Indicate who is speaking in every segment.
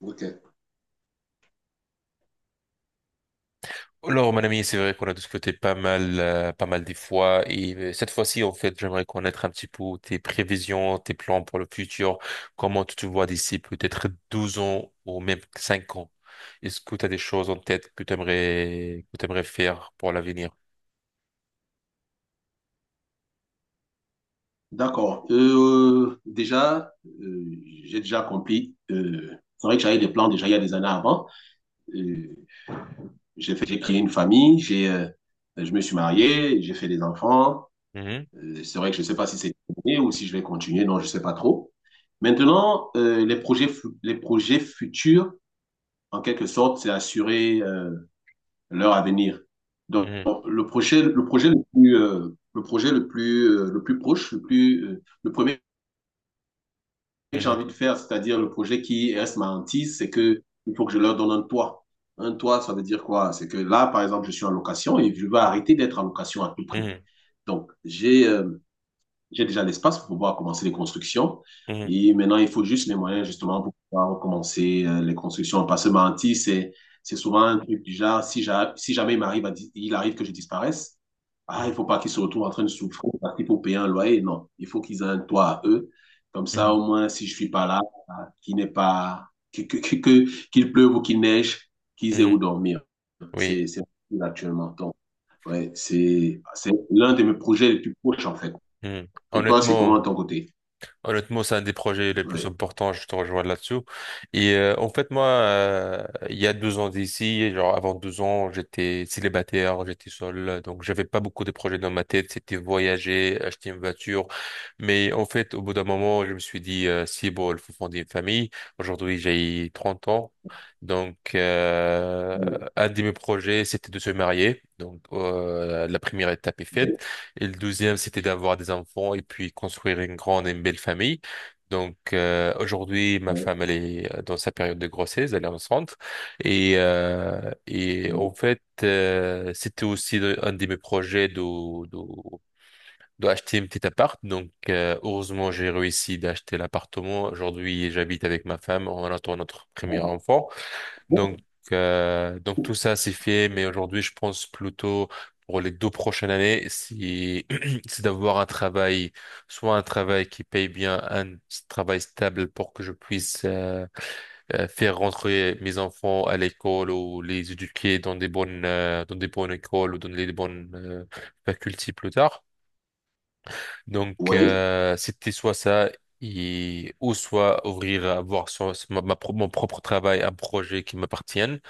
Speaker 1: Ok,
Speaker 2: Alors, mon ami, c'est vrai qu'on a discuté pas mal des fois, et cette fois-ci, en fait, j'aimerais connaître un petit peu tes prévisions, tes plans pour le futur, comment tu te vois d'ici peut-être 12 ans ou même 5 ans. Est-ce que tu as des choses en tête que tu aimerais faire pour l'avenir?
Speaker 1: d'accord. Euh, j'ai déjà compris. C'est vrai que j'avais des plans déjà il y a des années avant. Euh, j'ai fait, j'ai créé une famille, je me suis marié, j'ai fait des enfants.
Speaker 2: Mhm,
Speaker 1: C'est vrai que je ne sais pas si c'est terminé ou si je vais continuer, non, je ne sais pas trop. Maintenant, les projets, les projets futurs, en quelque sorte, c'est assurer leur avenir. Donc,
Speaker 2: mhm,
Speaker 1: le projet, le projet le plus, le projet le plus proche, le premier que j'ai
Speaker 2: mhm,
Speaker 1: envie de faire, c'est-à-dire le projet qui reste ma hantise, c'est que il faut que je leur donne un toit. Un toit, ça veut dire quoi? C'est que là, par exemple, je suis en location et je veux arrêter d'être en location à tout prix.
Speaker 2: mhm,
Speaker 1: Donc, j'ai déjà l'espace pour pouvoir commencer les constructions.
Speaker 2: mhm,
Speaker 1: Et maintenant, il faut juste les moyens justement pour pouvoir commencer les constructions. Parce que pas mentir, c'est souvent un truc du genre, si, si jamais il m'arrive à il arrive que je disparaisse, ah, il
Speaker 2: mhm,
Speaker 1: faut pas qu'ils se retrouvent en train de souffrir parce qu'il faut payer un loyer. Non, il faut qu'ils aient un toit à eux. Comme ça,
Speaker 2: mhm,
Speaker 1: au moins, si je suis pas là, ah, qu'il n'est pas, qu'il pleuve ou qu'il neige, qu'ils aient où
Speaker 2: mhm.
Speaker 1: dormir.
Speaker 2: Oui.
Speaker 1: C'est actuellement. Donc, ouais, c'est l'un de mes projets les plus proches, en fait.
Speaker 2: Mhm.
Speaker 1: Et toi, c'est comment de
Speaker 2: Honnêtement,
Speaker 1: ton côté?
Speaker 2: Honnêtement, c'est un des projets les plus
Speaker 1: Ouais.
Speaker 2: importants, je te rejoins là-dessus. Et en fait, moi, il y a 2 ans d'ici, genre avant 2 ans, j'étais célibataire, j'étais seul, donc j'avais pas beaucoup de projets dans ma tête. C'était voyager, acheter une voiture. Mais en fait, au bout d'un moment, je me suis dit, si bon, il faut fonder une famille. Aujourd'hui, j'ai 30 ans. Donc,
Speaker 1: Oui,
Speaker 2: un de mes projets, c'était de se marier. Donc, la première étape est faite.
Speaker 1: oui,
Speaker 2: Et le douzième, c'était d'avoir des enfants et puis construire une grande et une belle famille. Donc aujourd'hui, ma
Speaker 1: oui,
Speaker 2: femme, elle est dans sa période de grossesse, elle est enceinte. Et en
Speaker 1: oui.
Speaker 2: fait, c'était aussi un de mes projets de, d'acheter un petit appart. Donc heureusement, j'ai réussi d'acheter l'appartement. Aujourd'hui, j'habite avec ma femme, on attend notre premier enfant. Donc,
Speaker 1: Bon,
Speaker 2: tout ça c'est fait, mais aujourd'hui je pense plutôt pour les deux prochaines années, c'est c'est d'avoir un travail, soit un travail qui paye bien, un travail stable pour que je puisse faire rentrer mes enfants à l'école ou les éduquer dans des bonnes écoles ou dans les bonnes facultés plus tard. Donc
Speaker 1: oui.
Speaker 2: c'était soit ça. Et, ou soit ouvrir, avoir mon propre travail, un projet qui m'appartienne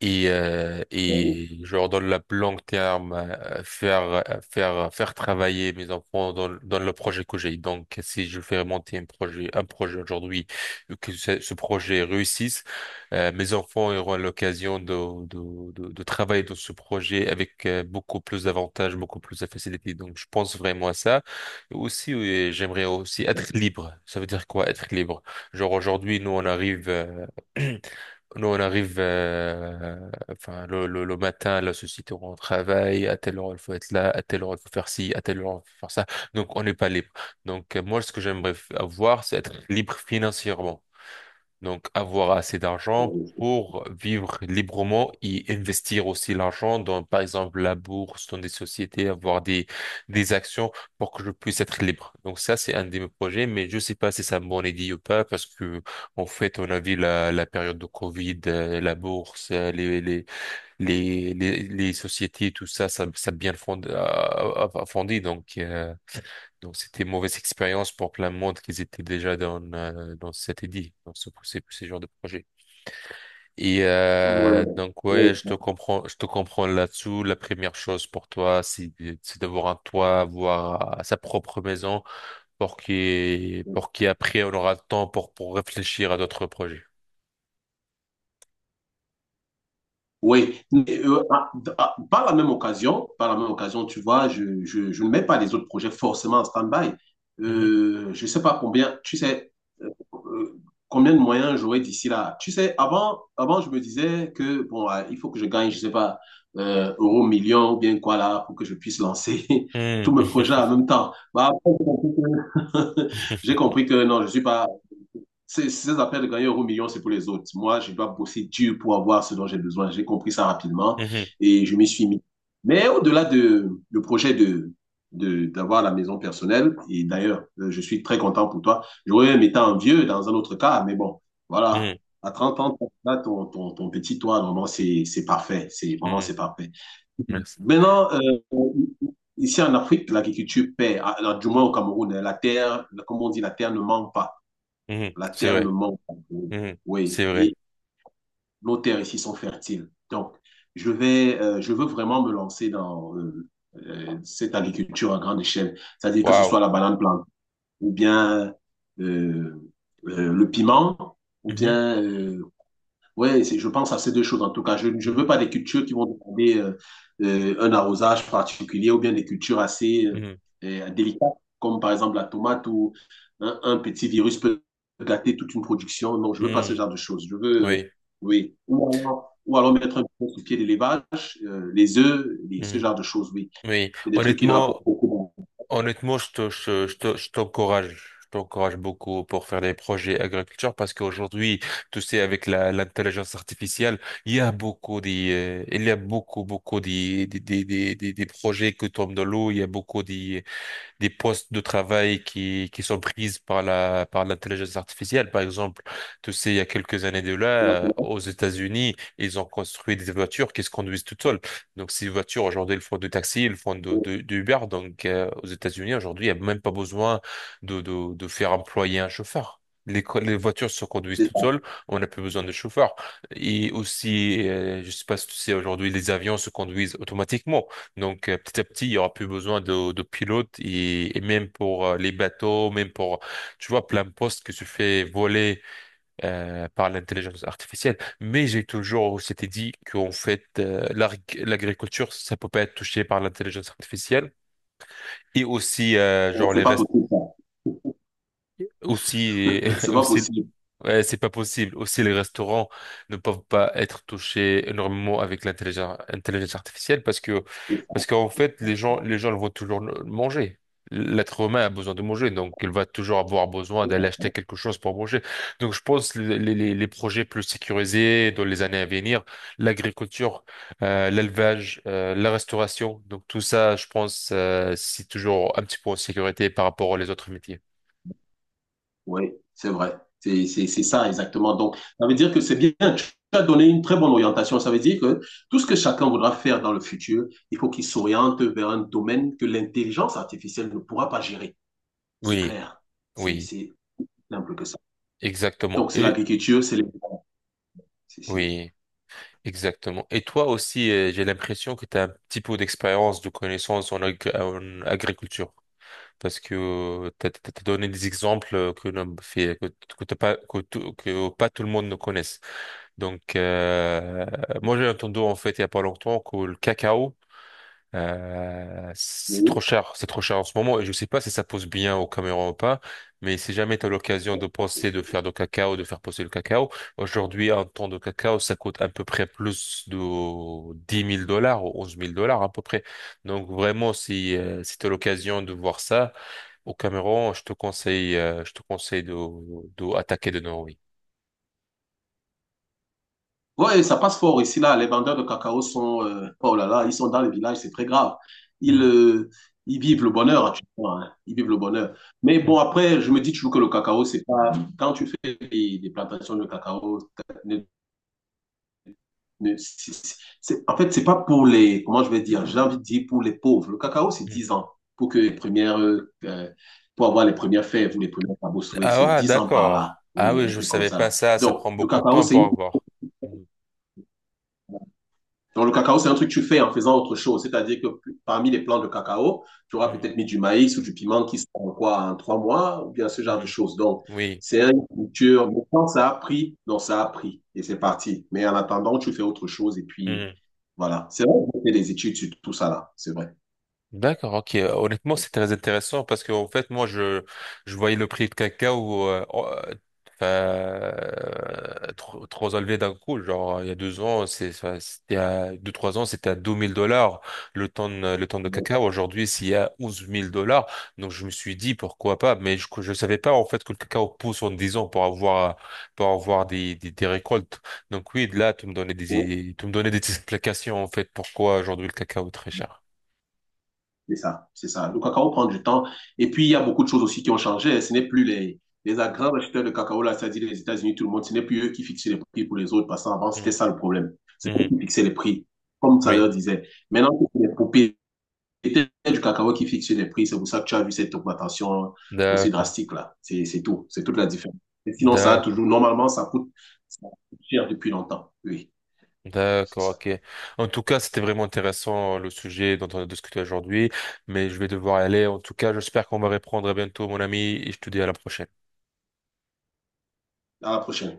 Speaker 2: et, euh,
Speaker 1: Oui,
Speaker 2: et je leur donne la longue terme, faire travailler mes enfants dans le projet que j'ai. Donc, si je fais monter un projet, aujourd'hui, que ce projet réussisse, mes enfants auront l'occasion de travailler dans ce projet avec beaucoup plus d'avantages, beaucoup plus de facilité. Donc, je pense vraiment à ça. Et aussi, j'aimerais aussi être libre. Ça veut dire quoi, être libre? Genre, aujourd'hui, nous, on arrive, Nous, on arrive enfin, le matin, la société où on travaille, à telle heure il faut être là, à telle heure il faut faire ci, à telle heure il faut faire ça. Donc, on n'est pas libre. Donc, moi, ce que j'aimerais avoir, c'est être libre financièrement. Donc, avoir assez d'argent
Speaker 1: oui, oui.
Speaker 2: pour vivre librement et investir aussi l'argent dans, par exemple, la bourse, dans des sociétés, avoir des actions pour que je puisse être libre. Donc, ça, c'est un de mes projets, mais je sais pas si c'est une bonne idée ou pas parce que, en fait, on a vu la période de Covid, la bourse, les sociétés, tout ça a bien a fondi. Donc, c'était une mauvaise expérience pour plein de monde qui étaient déjà dans cet édit, dans ce genre de projet. Et
Speaker 1: Ouais.
Speaker 2: donc
Speaker 1: Oui,
Speaker 2: ouais, je te comprends là-dessous. La première chose pour toi, c'est c'est d'avoir un toit, avoir sa propre maison, pour qui
Speaker 1: oui.
Speaker 2: pour qui après on aura le temps pour réfléchir à d'autres projets.
Speaker 1: Oui, mais, par la même occasion, tu vois, je ne mets pas les autres projets forcément en stand-by.
Speaker 2: Mhm.
Speaker 1: Je ne sais pas combien, tu sais, euh, euh, combien de moyens j'aurai d'ici là. Tu sais, avant, je me disais que, bon, il faut que je gagne, je ne sais pas, euro, million ou bien quoi là, pour que je puisse lancer tous mes
Speaker 2: Mhm.
Speaker 1: projets en même temps. Bah, après, j'ai compris que j'ai compris que non, je ne suis pas c'est c'est ça s'appelle gagner euro million, c'est pour les autres. Moi, je dois bosser dur pour avoir ce dont j'ai besoin. J'ai compris ça rapidement
Speaker 2: Mhm.
Speaker 1: et je m'y suis mis. Mais au-delà de le projet d'avoir la maison personnelle, et d'ailleurs, je suis très content pour toi. J'aurais même été envieux dans un autre cas, mais bon, voilà.
Speaker 2: Mhm.
Speaker 1: À 30 ans, là, ton petit toit, vraiment, c'est parfait. C'est vraiment,
Speaker 2: Mhm.
Speaker 1: c'est parfait.
Speaker 2: Merci.
Speaker 1: Maintenant, ici en Afrique, l'agriculture paie. Ah, alors, du moins au Cameroun, hein, la terre, comme on dit, la terre ne manque pas.
Speaker 2: Mhm.
Speaker 1: La
Speaker 2: C'est
Speaker 1: terre ne
Speaker 2: vrai.
Speaker 1: manque pas d'eau.
Speaker 2: Mhm.
Speaker 1: Oui,
Speaker 2: C'est vrai.
Speaker 1: et nos terres ici sont fertiles. Donc, je veux vraiment me lancer dans cette agriculture à grande échelle. C'est-à-dire que ce
Speaker 2: Waouh.
Speaker 1: soit la banane plante, ou bien euh, le piment, ou
Speaker 2: Mhm.
Speaker 1: bien oui, je pense à ces deux choses en tout cas. Je veux
Speaker 2: Mhm.
Speaker 1: pas des cultures qui vont demander un arrosage particulier ou bien des cultures assez délicates, comme par exemple la tomate où un petit virus peut gâter toute une production. Non, je ne veux pas
Speaker 2: Mhm.
Speaker 1: ce
Speaker 2: Mhm.
Speaker 1: genre de choses. Oui, ou alors mettre un peu sur pied l'élevage, les œufs, ce
Speaker 2: Oui.
Speaker 1: genre de choses, oui.
Speaker 2: Oui,
Speaker 1: C'est des trucs qui
Speaker 2: honnêtement,
Speaker 1: rapportent beaucoup.
Speaker 2: honnêtement, je t'encourage beaucoup pour faire des projets agriculture parce qu'aujourd'hui, tu sais, avec l'intelligence artificielle, il y a beaucoup des, il y a beaucoup, beaucoup des projets qui tombent dans l'eau, il y a beaucoup des postes de travail qui sont prises par l'intelligence artificielle. Par exemple, tu sais, il y a quelques années de là, aux États-Unis, ils ont construit des voitures qui se conduisent toutes seules. Donc, ces voitures, aujourd'hui, elles font de taxi, elles font de Uber. Donc, aux États-Unis, aujourd'hui, il n'y a même pas besoin de faire employer un chauffeur. Les voitures se conduisent
Speaker 1: C'est
Speaker 2: toutes
Speaker 1: ça.
Speaker 2: seules, on n'a plus besoin de chauffeur. Et aussi, je sais pas si tu sais, aujourd'hui, les avions se conduisent automatiquement. Donc petit à petit, il y aura plus besoin de pilotes et même pour les bateaux, même pour, tu vois, plein de postes que se fait voler par l'intelligence artificielle. Mais j'ai toujours s'était dit qu'en fait, l'agriculture, ça peut pas être touché par l'intelligence artificielle. Et aussi, genre
Speaker 1: C'est
Speaker 2: les
Speaker 1: pas
Speaker 2: restes,
Speaker 1: possible, ça.
Speaker 2: aussi,
Speaker 1: C'est pas
Speaker 2: aussi.
Speaker 1: possible.
Speaker 2: Ouais, c'est pas possible. Aussi, les restaurants ne peuvent pas être touchés énormément avec l'intelligence intelligence artificielle, parce qu'en fait, les gens ils vont toujours manger. L'être humain a besoin de manger, donc il va toujours avoir besoin d'aller acheter quelque chose pour manger. Donc, je pense que les projets plus sécurisés dans les années à venir, l'agriculture, l'élevage, la restauration, donc tout ça, je pense, c'est toujours un petit peu en sécurité par rapport aux autres métiers.
Speaker 1: Oui, c'est vrai. C'est ça exactement. Donc, ça veut dire que c'est bien. Tu as donné une très bonne orientation. Ça veut dire que tout ce que chacun voudra faire dans le futur, il faut qu'il s'oriente vers un domaine que l'intelligence artificielle ne pourra pas gérer. C'est
Speaker 2: Oui,
Speaker 1: clair. C'est
Speaker 2: oui,
Speaker 1: c'est simple que ça.
Speaker 2: exactement.
Speaker 1: Donc, c'est
Speaker 2: Et
Speaker 1: l'agriculture, c'est les... c'est- c'est-
Speaker 2: oui. Exactement. Et toi aussi, j'ai l'impression que tu as un petit peu d'expérience, de connaissances en agriculture. Parce que tu as donné des exemples que, l'on fait, que t'as pas, que, que pas tout le monde ne connaisse. Donc, moi, j'ai entendu en fait il y a pas longtemps que le cacao,
Speaker 1: Oui.
Speaker 2: c'est trop cher en ce moment et je sais pas si ça pose bien aux caméras ou pas, mais si jamais tu as l'occasion de penser de faire du cacao, de faire pousser le cacao, aujourd'hui un ton de cacao ça coûte à peu près plus de 10 000 $ ou 11 000 $ à peu près. Donc vraiment si tu as l'occasion de voir ça au Cameroun, je te conseille de attaquer de Norway.
Speaker 1: Ouais, ça passe fort ici, là. Les vendeurs de cacao sont, oh là là, ils sont dans les villages, c'est très grave. Ils,
Speaker 2: Hmm,
Speaker 1: euh, ils vivent le bonheur, tu vois, hein. Ils vivent le bonheur. Mais
Speaker 2: hmm,
Speaker 1: bon, après, je me dis toujours que le cacao, c'est pas, quand tu fais des plantations de cacao, en fait, c'est pas pour les, comment je vais dire, j'ai envie de dire pour les pauvres. Le cacao, c'est
Speaker 2: hmm.
Speaker 1: 10 ans pour que les premières, pour avoir les premières fèves ou les premières cabossouées,
Speaker 2: Ah
Speaker 1: c'est
Speaker 2: ouais,
Speaker 1: 10 ans par là.
Speaker 2: d'accord. Ah
Speaker 1: Oui,
Speaker 2: oui,
Speaker 1: un
Speaker 2: je
Speaker 1: truc comme
Speaker 2: savais
Speaker 1: ça,
Speaker 2: pas
Speaker 1: là.
Speaker 2: ça, ça prend
Speaker 1: Donc, le
Speaker 2: beaucoup de
Speaker 1: cacao,
Speaker 2: temps
Speaker 1: c'est
Speaker 2: pour avoir. Hmm,
Speaker 1: donc, le cacao, c'est un truc que tu fais en faisant autre chose. C'est-à-dire que parmi les plants de cacao, tu auras
Speaker 2: hmm,
Speaker 1: peut-être mis du maïs ou du piment qui sont quoi, en trois mois, ou bien ce genre de
Speaker 2: hmm.
Speaker 1: choses. Donc,
Speaker 2: Oui.
Speaker 1: c'est une culture. Mais quand ça a pris, non, ça a pris. Et c'est parti. Mais en attendant, tu fais autre chose. Et puis,
Speaker 2: Mhm.
Speaker 1: voilà. C'est vrai, j'ai fait des études sur tout ça là. C'est vrai.
Speaker 2: D'accord, ok. Honnêtement, c'est très intéressant parce que en fait, moi, je voyais le prix de cacao enfin, trop, trop élevé d'un coup. Genre, il y a 2 ans, c'est enfin, c'était à deux trois ans, c'était à 2 000 $ le tonne de cacao. Aujourd'hui, c'est à onze mille dollars. Donc, je me suis dit pourquoi pas, mais je savais pas en fait que le cacao pousse en 10 ans pour avoir des récoltes. Donc oui, là, tu me donnais des explications en fait pourquoi aujourd'hui le cacao est très cher.
Speaker 1: C'est ça, c'est ça. Le cacao prend du temps. Et puis, il y a beaucoup de choses aussi qui ont changé. Ce n'est plus les grands acheteurs de cacao, là, c'est-à-dire les États-Unis, tout le monde, ce n'est plus eux qui fixaient les prix pour les autres. Parce qu'avant,
Speaker 2: Hmm.
Speaker 1: c'était ça le problème. C'est eux
Speaker 2: Mhm.
Speaker 1: qui fixaient les prix, comme ça
Speaker 2: Oui,
Speaker 1: leur disait. Maintenant, c'est les propriétaires du cacao qui fixent les prix. C'est pour ça que tu as vu cette augmentation aussi
Speaker 2: d'accord,
Speaker 1: drastique, là. C'est tout. C'est toute la différence. Mais sinon, ça a
Speaker 2: d'accord,
Speaker 1: toujours, normalement, ça coûte cher depuis longtemps. Oui, c'est
Speaker 2: d'accord,
Speaker 1: ça.
Speaker 2: ok. En tout cas, c'était vraiment intéressant le sujet dont on a discuté aujourd'hui, mais je vais devoir y aller. En tout cas, j'espère qu'on va reprendre à bientôt, mon ami, et je te dis à la prochaine.
Speaker 1: À la prochaine.